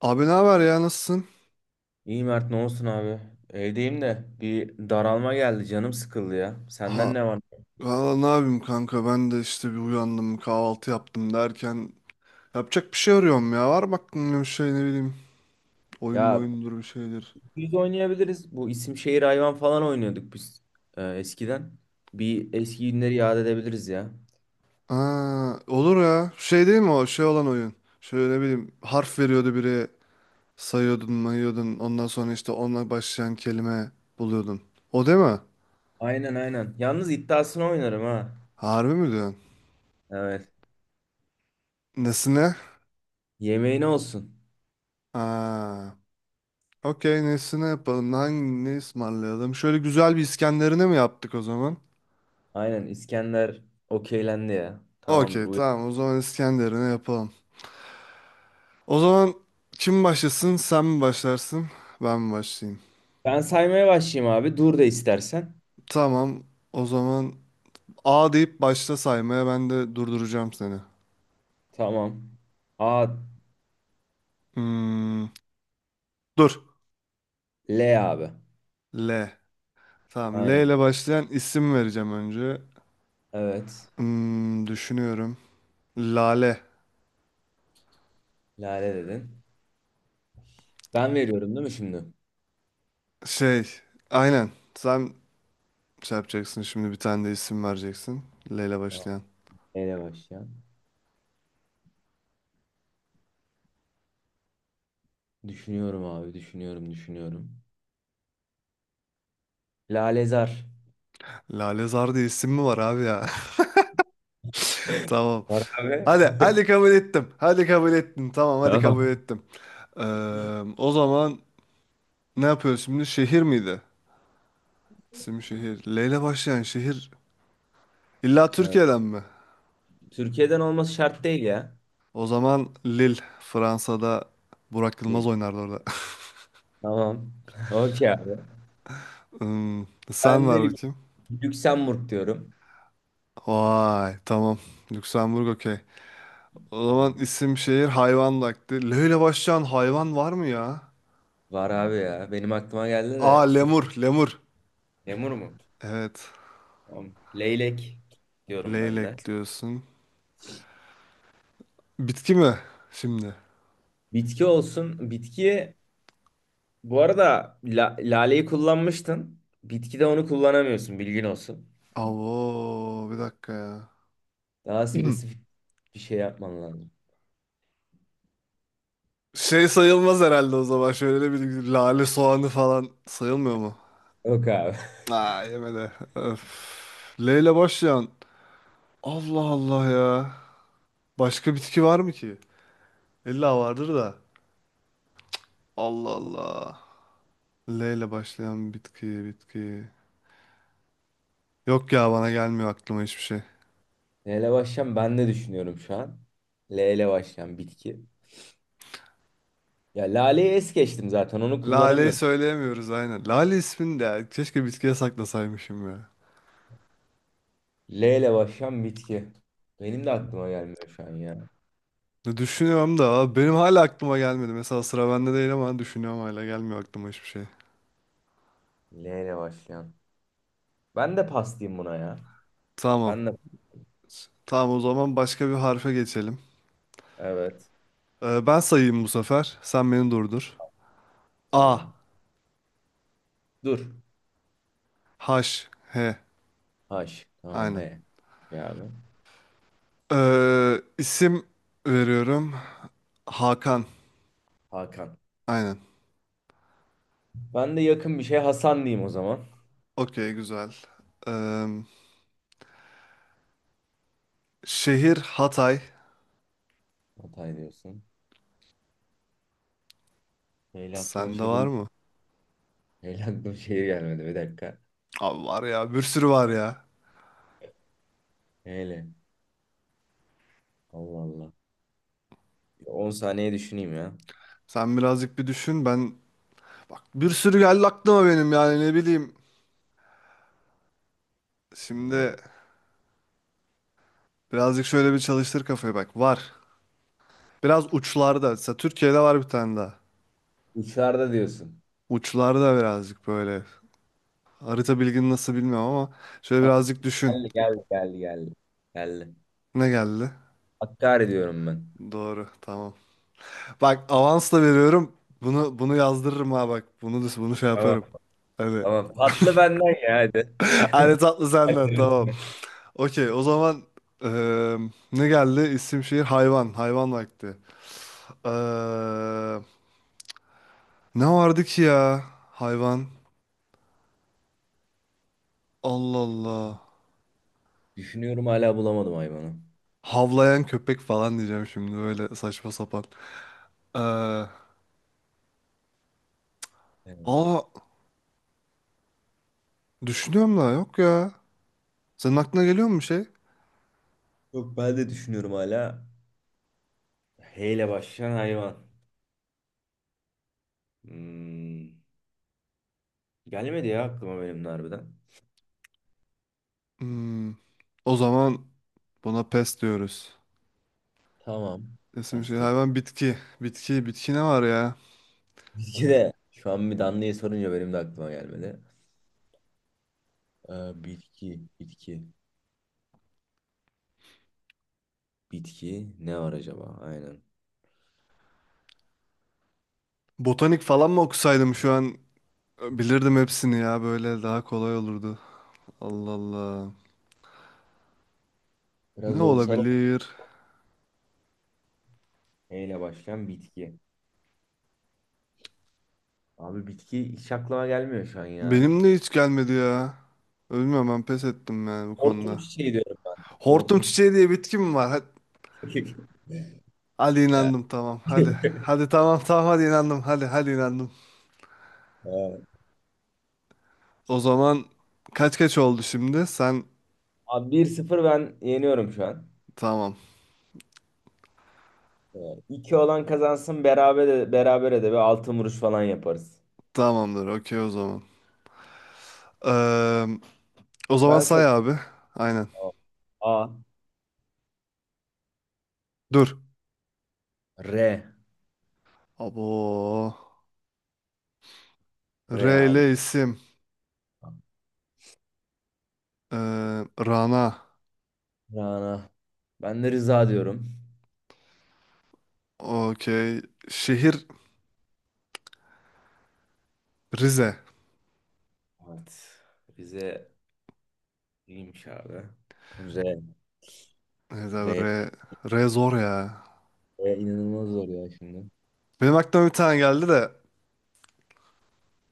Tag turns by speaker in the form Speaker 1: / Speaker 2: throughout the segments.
Speaker 1: Abi ne haber ya, nasılsın?
Speaker 2: İyi Mert, ne olsun abi? Evdeyim de bir daralma geldi, canım sıkıldı ya.
Speaker 1: Ha,
Speaker 2: Senden ne var?
Speaker 1: Valla ne yapayım kanka, ben de işte bir uyandım, kahvaltı yaptım derken yapacak bir şey arıyorum ya. Var mı aklında bir şey, ne bileyim, oyun mu,
Speaker 2: Ya
Speaker 1: oyundur bir şeydir.
Speaker 2: biz oynayabiliriz. Bu isim şehir hayvan falan oynuyorduk biz eskiden. Bir eski günleri yad edebiliriz ya.
Speaker 1: Olur ya, şey değil mi, o şey olan oyun, şöyle ne bileyim, harf veriyordu biri, sayıyordun mayıyordun, ondan sonra işte onunla başlayan kelime buluyordun. O değil mi?
Speaker 2: Aynen aynen. Yalnız iddiasını oynarım ha.
Speaker 1: Harbi mi diyorsun?
Speaker 2: Evet.
Speaker 1: Nesine?
Speaker 2: Yemeğine olsun.
Speaker 1: Aa, Okey, nesine yapalım, hangi, ne ısmarlayalım, şöyle güzel bir İskenderine mi yaptık o zaman?
Speaker 2: Aynen, İskender okeylendi ya. Tamamdır.
Speaker 1: Okey tamam, o zaman İskenderun'u yapalım. O zaman kim başlasın, sen mi başlarsın ben mi başlayayım?
Speaker 2: Ben saymaya başlayayım abi. Dur da istersen.
Speaker 1: Tamam, o zaman A deyip başla saymaya, ben de durduracağım seni.
Speaker 2: Tamam. A,
Speaker 1: Hmm, Dur.
Speaker 2: L abi.
Speaker 1: L. Tamam, L
Speaker 2: Aynen.
Speaker 1: ile başlayan isim vereceğim önce.
Speaker 2: Evet.
Speaker 1: Düşünüyorum. Lale.
Speaker 2: Lale dedin. Ben veriyorum değil mi şimdi?
Speaker 1: Şey, aynen, sen şey yapacaksın şimdi, bir tane de isim vereceksin. L ile
Speaker 2: Tamam.
Speaker 1: başlayan.
Speaker 2: Neyle başlayan? Düşünüyorum abi, düşünüyorum, düşünüyorum. Lalezar.
Speaker 1: Lale Zar diye isim mi var abi ya? Tamam.
Speaker 2: Var abi.
Speaker 1: Hadi, hadi kabul ettim. Hadi kabul ettim. Tamam, hadi kabul
Speaker 2: Tamam.
Speaker 1: ettim. Ee, O zaman ne yapıyoruz şimdi? Şehir miydi? İsim şehir. L ile başlayan şehir. İlla
Speaker 2: Evet.
Speaker 1: Türkiye'den mi?
Speaker 2: Türkiye'den olması şart değil ya.
Speaker 1: O zaman Lille. Fransa'da Burak Yılmaz
Speaker 2: Değil.
Speaker 1: oynardı orada.
Speaker 2: Tamam. Okey abi.
Speaker 1: Hmm, Sen
Speaker 2: Ben de
Speaker 1: ver
Speaker 2: Lük-
Speaker 1: bakayım.
Speaker 2: Lüksemburg diyorum.
Speaker 1: Vay, tamam. Lüksemburg, okey. O zaman isim şehir hayvan vakti. L ile başlayan hayvan var mı ya?
Speaker 2: Var abi ya. Benim aklıma geldi
Speaker 1: Aa,
Speaker 2: de suf.
Speaker 1: lemur, lemur.
Speaker 2: Lemur mu?
Speaker 1: Evet.
Speaker 2: Tamam. Leylek diyorum ben de.
Speaker 1: Leylek diyorsun. Bitki mi şimdi?
Speaker 2: Bitki olsun. Bitkiye bu arada laleyi kullanmıştın. Bitkide onu kullanamıyorsun. Bilgin olsun.
Speaker 1: Avo, bir dakika ya.
Speaker 2: Daha spesifik bir şey yapman lazım.
Speaker 1: Şey sayılmaz herhalde o zaman. Şöyle bir lale soğanı falan sayılmıyor mu?
Speaker 2: Yok abi.
Speaker 1: Aa, yemedi. Öf. L ile başlayan. Allah Allah ya. Başka bitki var mı ki? İlla vardır da. Allah Allah. L ile başlayan bitki, bitki. Yok ya, bana gelmiyor aklıma hiçbir şey.
Speaker 2: Neyle başlayayım, ben de düşünüyorum şu an. L ile başlayan bitki. Ya laleyi es geçtim, zaten onu
Speaker 1: Lale'yi
Speaker 2: kullanamıyorum.
Speaker 1: söyleyemiyoruz aynen. Lale ismini de keşke bitkiye saklasaymışım ya.
Speaker 2: L ile başlayan bitki. Benim de aklıma gelmiyor şu an ya.
Speaker 1: Düşünüyorum da abi, benim hala aklıma gelmedi. Mesela sıra bende değil ama düşünüyorum, hala gelmiyor aklıma hiçbir şey.
Speaker 2: L ile başlayan. Ben de pas diyeyim buna ya.
Speaker 1: Tamam.
Speaker 2: Ben de.
Speaker 1: Tamam, o zaman başka bir harfe geçelim.
Speaker 2: Evet.
Speaker 1: Ben sayayım bu sefer. Sen beni durdur. A.
Speaker 2: Tamam. Dur.
Speaker 1: H, H.
Speaker 2: H. Tamam
Speaker 1: Aynen.
Speaker 2: he. Ya abi.
Speaker 1: İsim veriyorum. Hakan.
Speaker 2: Hakan.
Speaker 1: Aynen.
Speaker 2: Ben de yakın bir şey, Hasan diyeyim o zaman.
Speaker 1: Okey güzel. Ee, Şehir Hatay.
Speaker 2: Hatay diyorsun. L ile aklıma
Speaker 1: Sende var
Speaker 2: şehir.
Speaker 1: mı?
Speaker 2: L ile aklıma şehir gelmedi, bir dakika.
Speaker 1: Abi var ya, bir sürü var ya.
Speaker 2: L. Allah Allah. 10 saniye düşüneyim ya.
Speaker 1: Sen birazcık bir düşün, ben... Bak, bir sürü geldi aklıma benim, yani ne bileyim.
Speaker 2: Hmm.
Speaker 1: Şimdi birazcık şöyle bir çalıştır kafayı, bak. Var. Biraz uçlarda. Mesela Türkiye'de var bir tane daha.
Speaker 2: Uçarda diyorsun.
Speaker 1: Uçlarda birazcık böyle. Harita bilgin nasıl bilmiyorum ama şöyle
Speaker 2: Tamam,
Speaker 1: birazcık düşün.
Speaker 2: geldi geldi geldi geldi. Geldi.
Speaker 1: Ne geldi?
Speaker 2: Hakkari diyorum ben.
Speaker 1: Doğru. Tamam. Bak, avansla veriyorum. Bunu bunu yazdırırım ha bak. Bunu bunu şey
Speaker 2: Tamam.
Speaker 1: yaparım.
Speaker 2: Tamam.
Speaker 1: Hadi.
Speaker 2: Tamam. Patlı benden ya, hadi.
Speaker 1: Hadi, tatlı senden, tamam. Okey o zaman, eee, ne geldi? İsim şehir hayvan. Hayvan vakti. Eee, Ne vardı ki ya? Hayvan. Allah Allah.
Speaker 2: Düşünüyorum, hala bulamadım hayvanı.
Speaker 1: Havlayan köpek falan diyeceğim şimdi, böyle saçma sapan. Ee,
Speaker 2: Evet.
Speaker 1: aa Düşünüyorum da yok ya. Senin aklına geliyor mu bir şey?
Speaker 2: Yok, ben de düşünüyorum hala. H ile başlayan hayvan. Hmm. Gelmedi ya aklıma benim de harbiden.
Speaker 1: Hmm, O zaman buna pes diyoruz.
Speaker 2: Tamam.
Speaker 1: İsim şey
Speaker 2: Bastı.
Speaker 1: hayvan bitki. Bitki bitki, ne var ya?
Speaker 2: Bitki de. Şu an bir Danlı'ya sorunca benim de aklıma gelmedi. Bitki. Bitki. Bitki ne var acaba? Aynen.
Speaker 1: Botanik falan mı okusaydım şu an, bilirdim hepsini ya, böyle daha kolay olurdu. Allah Allah.
Speaker 2: Biraz
Speaker 1: Ne
Speaker 2: zorsal oldu.
Speaker 1: olabilir?
Speaker 2: E ile başlayan bitki. Abi bitki hiç aklıma gelmiyor şu an ya.
Speaker 1: Benim de hiç gelmedi ya. Bilmiyorum, ben pes ettim yani bu
Speaker 2: Hortum
Speaker 1: konuda.
Speaker 2: çiçeği diyorum ben.
Speaker 1: Hortum
Speaker 2: Hortum
Speaker 1: çiçeği diye bitki mi var?
Speaker 2: çiçeği.
Speaker 1: Hadi
Speaker 2: Evet.
Speaker 1: inandım, tamam hadi. Hadi tamam, tamam hadi, inandım hadi, hadi inandım. O zaman kaç kaç oldu şimdi? Sen,
Speaker 2: Abi 1-0 ben yeniyorum şu an.
Speaker 1: tamam.
Speaker 2: Evet. 2 olan kazansın, beraber de, berabere de bir altın vuruş falan yaparız.
Speaker 1: Tamamdır, okey o zaman. Eee, O zaman
Speaker 2: Ben sana
Speaker 1: say abi. Aynen.
Speaker 2: A.
Speaker 1: Dur.
Speaker 2: R.
Speaker 1: Abo. R
Speaker 2: R
Speaker 1: ile
Speaker 2: abi.
Speaker 1: isim. Eee, Rana.
Speaker 2: Rana. Ben de Rıza diyorum.
Speaker 1: Okey. Şehir Rize.
Speaker 2: Evet. Bize iyiymiş abi. R.
Speaker 1: Evet abi, R.
Speaker 2: R.
Speaker 1: R zor ya.
Speaker 2: İnanılmaz zor ya şimdi.
Speaker 1: Benim aklıma bir tane geldi de.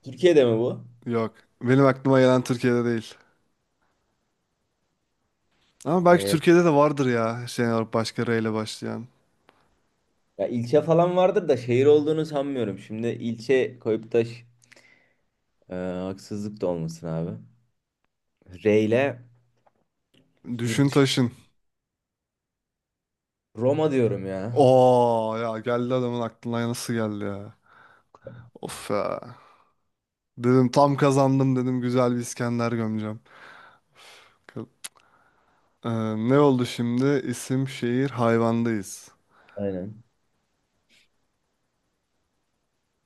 Speaker 2: Türkiye'de mi bu?
Speaker 1: Yok. Benim aklıma gelen Türkiye'de değil. Ama belki
Speaker 2: Ve
Speaker 1: Türkiye'de de vardır ya. Şey olarak başka R ile başlayan.
Speaker 2: ya ilçe falan vardır da şehir olduğunu sanmıyorum. Şimdi ilçe koyup da haksızlık da olmasın abi. R ile yurt
Speaker 1: Düşün
Speaker 2: dışı-
Speaker 1: taşın.
Speaker 2: Roma diyorum ya.
Speaker 1: Oo ya, geldi adamın aklına, nasıl geldi ya. Of ya. Dedim tam kazandım, dedim güzel bir İskender gömeceğim. Ka- Ee, Ne oldu şimdi? İsim, şehir, hayvandayız.
Speaker 2: Aynen.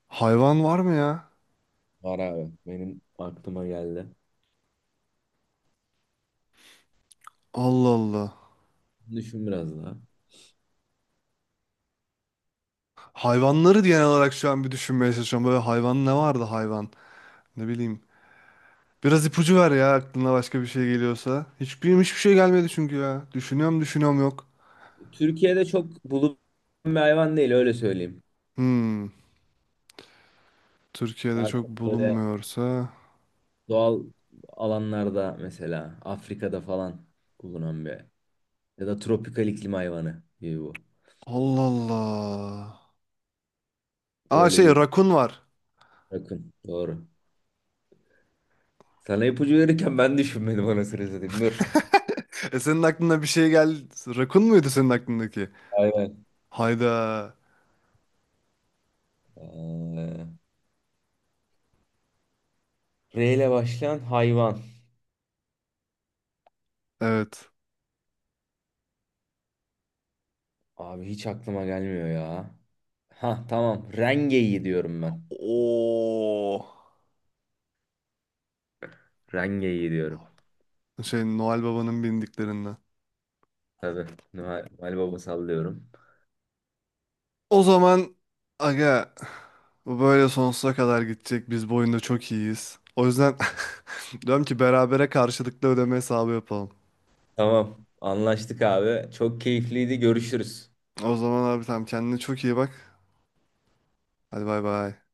Speaker 1: Hayvan var mı ya?
Speaker 2: Var abi. Benim aklıma geldi.
Speaker 1: Allah Allah.
Speaker 2: Düşün biraz daha.
Speaker 1: Hayvanları genel olarak şu an bir düşünmeye çalışıyorum. Böyle hayvan ne vardı hayvan? Ne bileyim. Biraz ipucu ver ya, aklına başka bir şey geliyorsa. Hiçbir şey gelmedi çünkü ya. Düşünüyorum düşünüyorum, yok.
Speaker 2: Türkiye'de çok bulunan bir hayvan değil, öyle söyleyeyim.
Speaker 1: Hmm. Türkiye'de
Speaker 2: Daha
Speaker 1: çok
Speaker 2: çok böyle
Speaker 1: bulunmuyorsa.
Speaker 2: doğal alanlarda, mesela Afrika'da falan bulunan bir ya da tropikal iklim hayvanı gibi bu.
Speaker 1: Allah Allah. Aa,
Speaker 2: Böyle
Speaker 1: şey,
Speaker 2: bir
Speaker 1: rakun var.
Speaker 2: yakın. Doğru. Sana ipucu verirken ben düşünmedim, anasını satayım. Dur.
Speaker 1: E, senin aklına bir şey geldi. Rakun muydu senin aklındaki?
Speaker 2: Hayvan.
Speaker 1: Hayda.
Speaker 2: Ee, R ile başlayan hayvan.
Speaker 1: Evet.
Speaker 2: Abi hiç aklıma gelmiyor ya. Ha tamam. Rengeyi diyorum ben.
Speaker 1: Oo.
Speaker 2: Rengeyi diyorum.
Speaker 1: Şey, Noel Baba'nın bindiklerinden.
Speaker 2: Tabii. Noel, Noel Baba sallıyorum.
Speaker 1: O zaman aga, bu böyle sonsuza kadar gidecek. Biz bu oyunda çok iyiyiz. O yüzden diyorum ki berabere karşılıklı ödeme hesabı yapalım.
Speaker 2: Tamam. Anlaştık abi. Çok keyifliydi. Görüşürüz.
Speaker 1: O zaman abi, tamam, kendine çok iyi bak. Hadi, bay bay.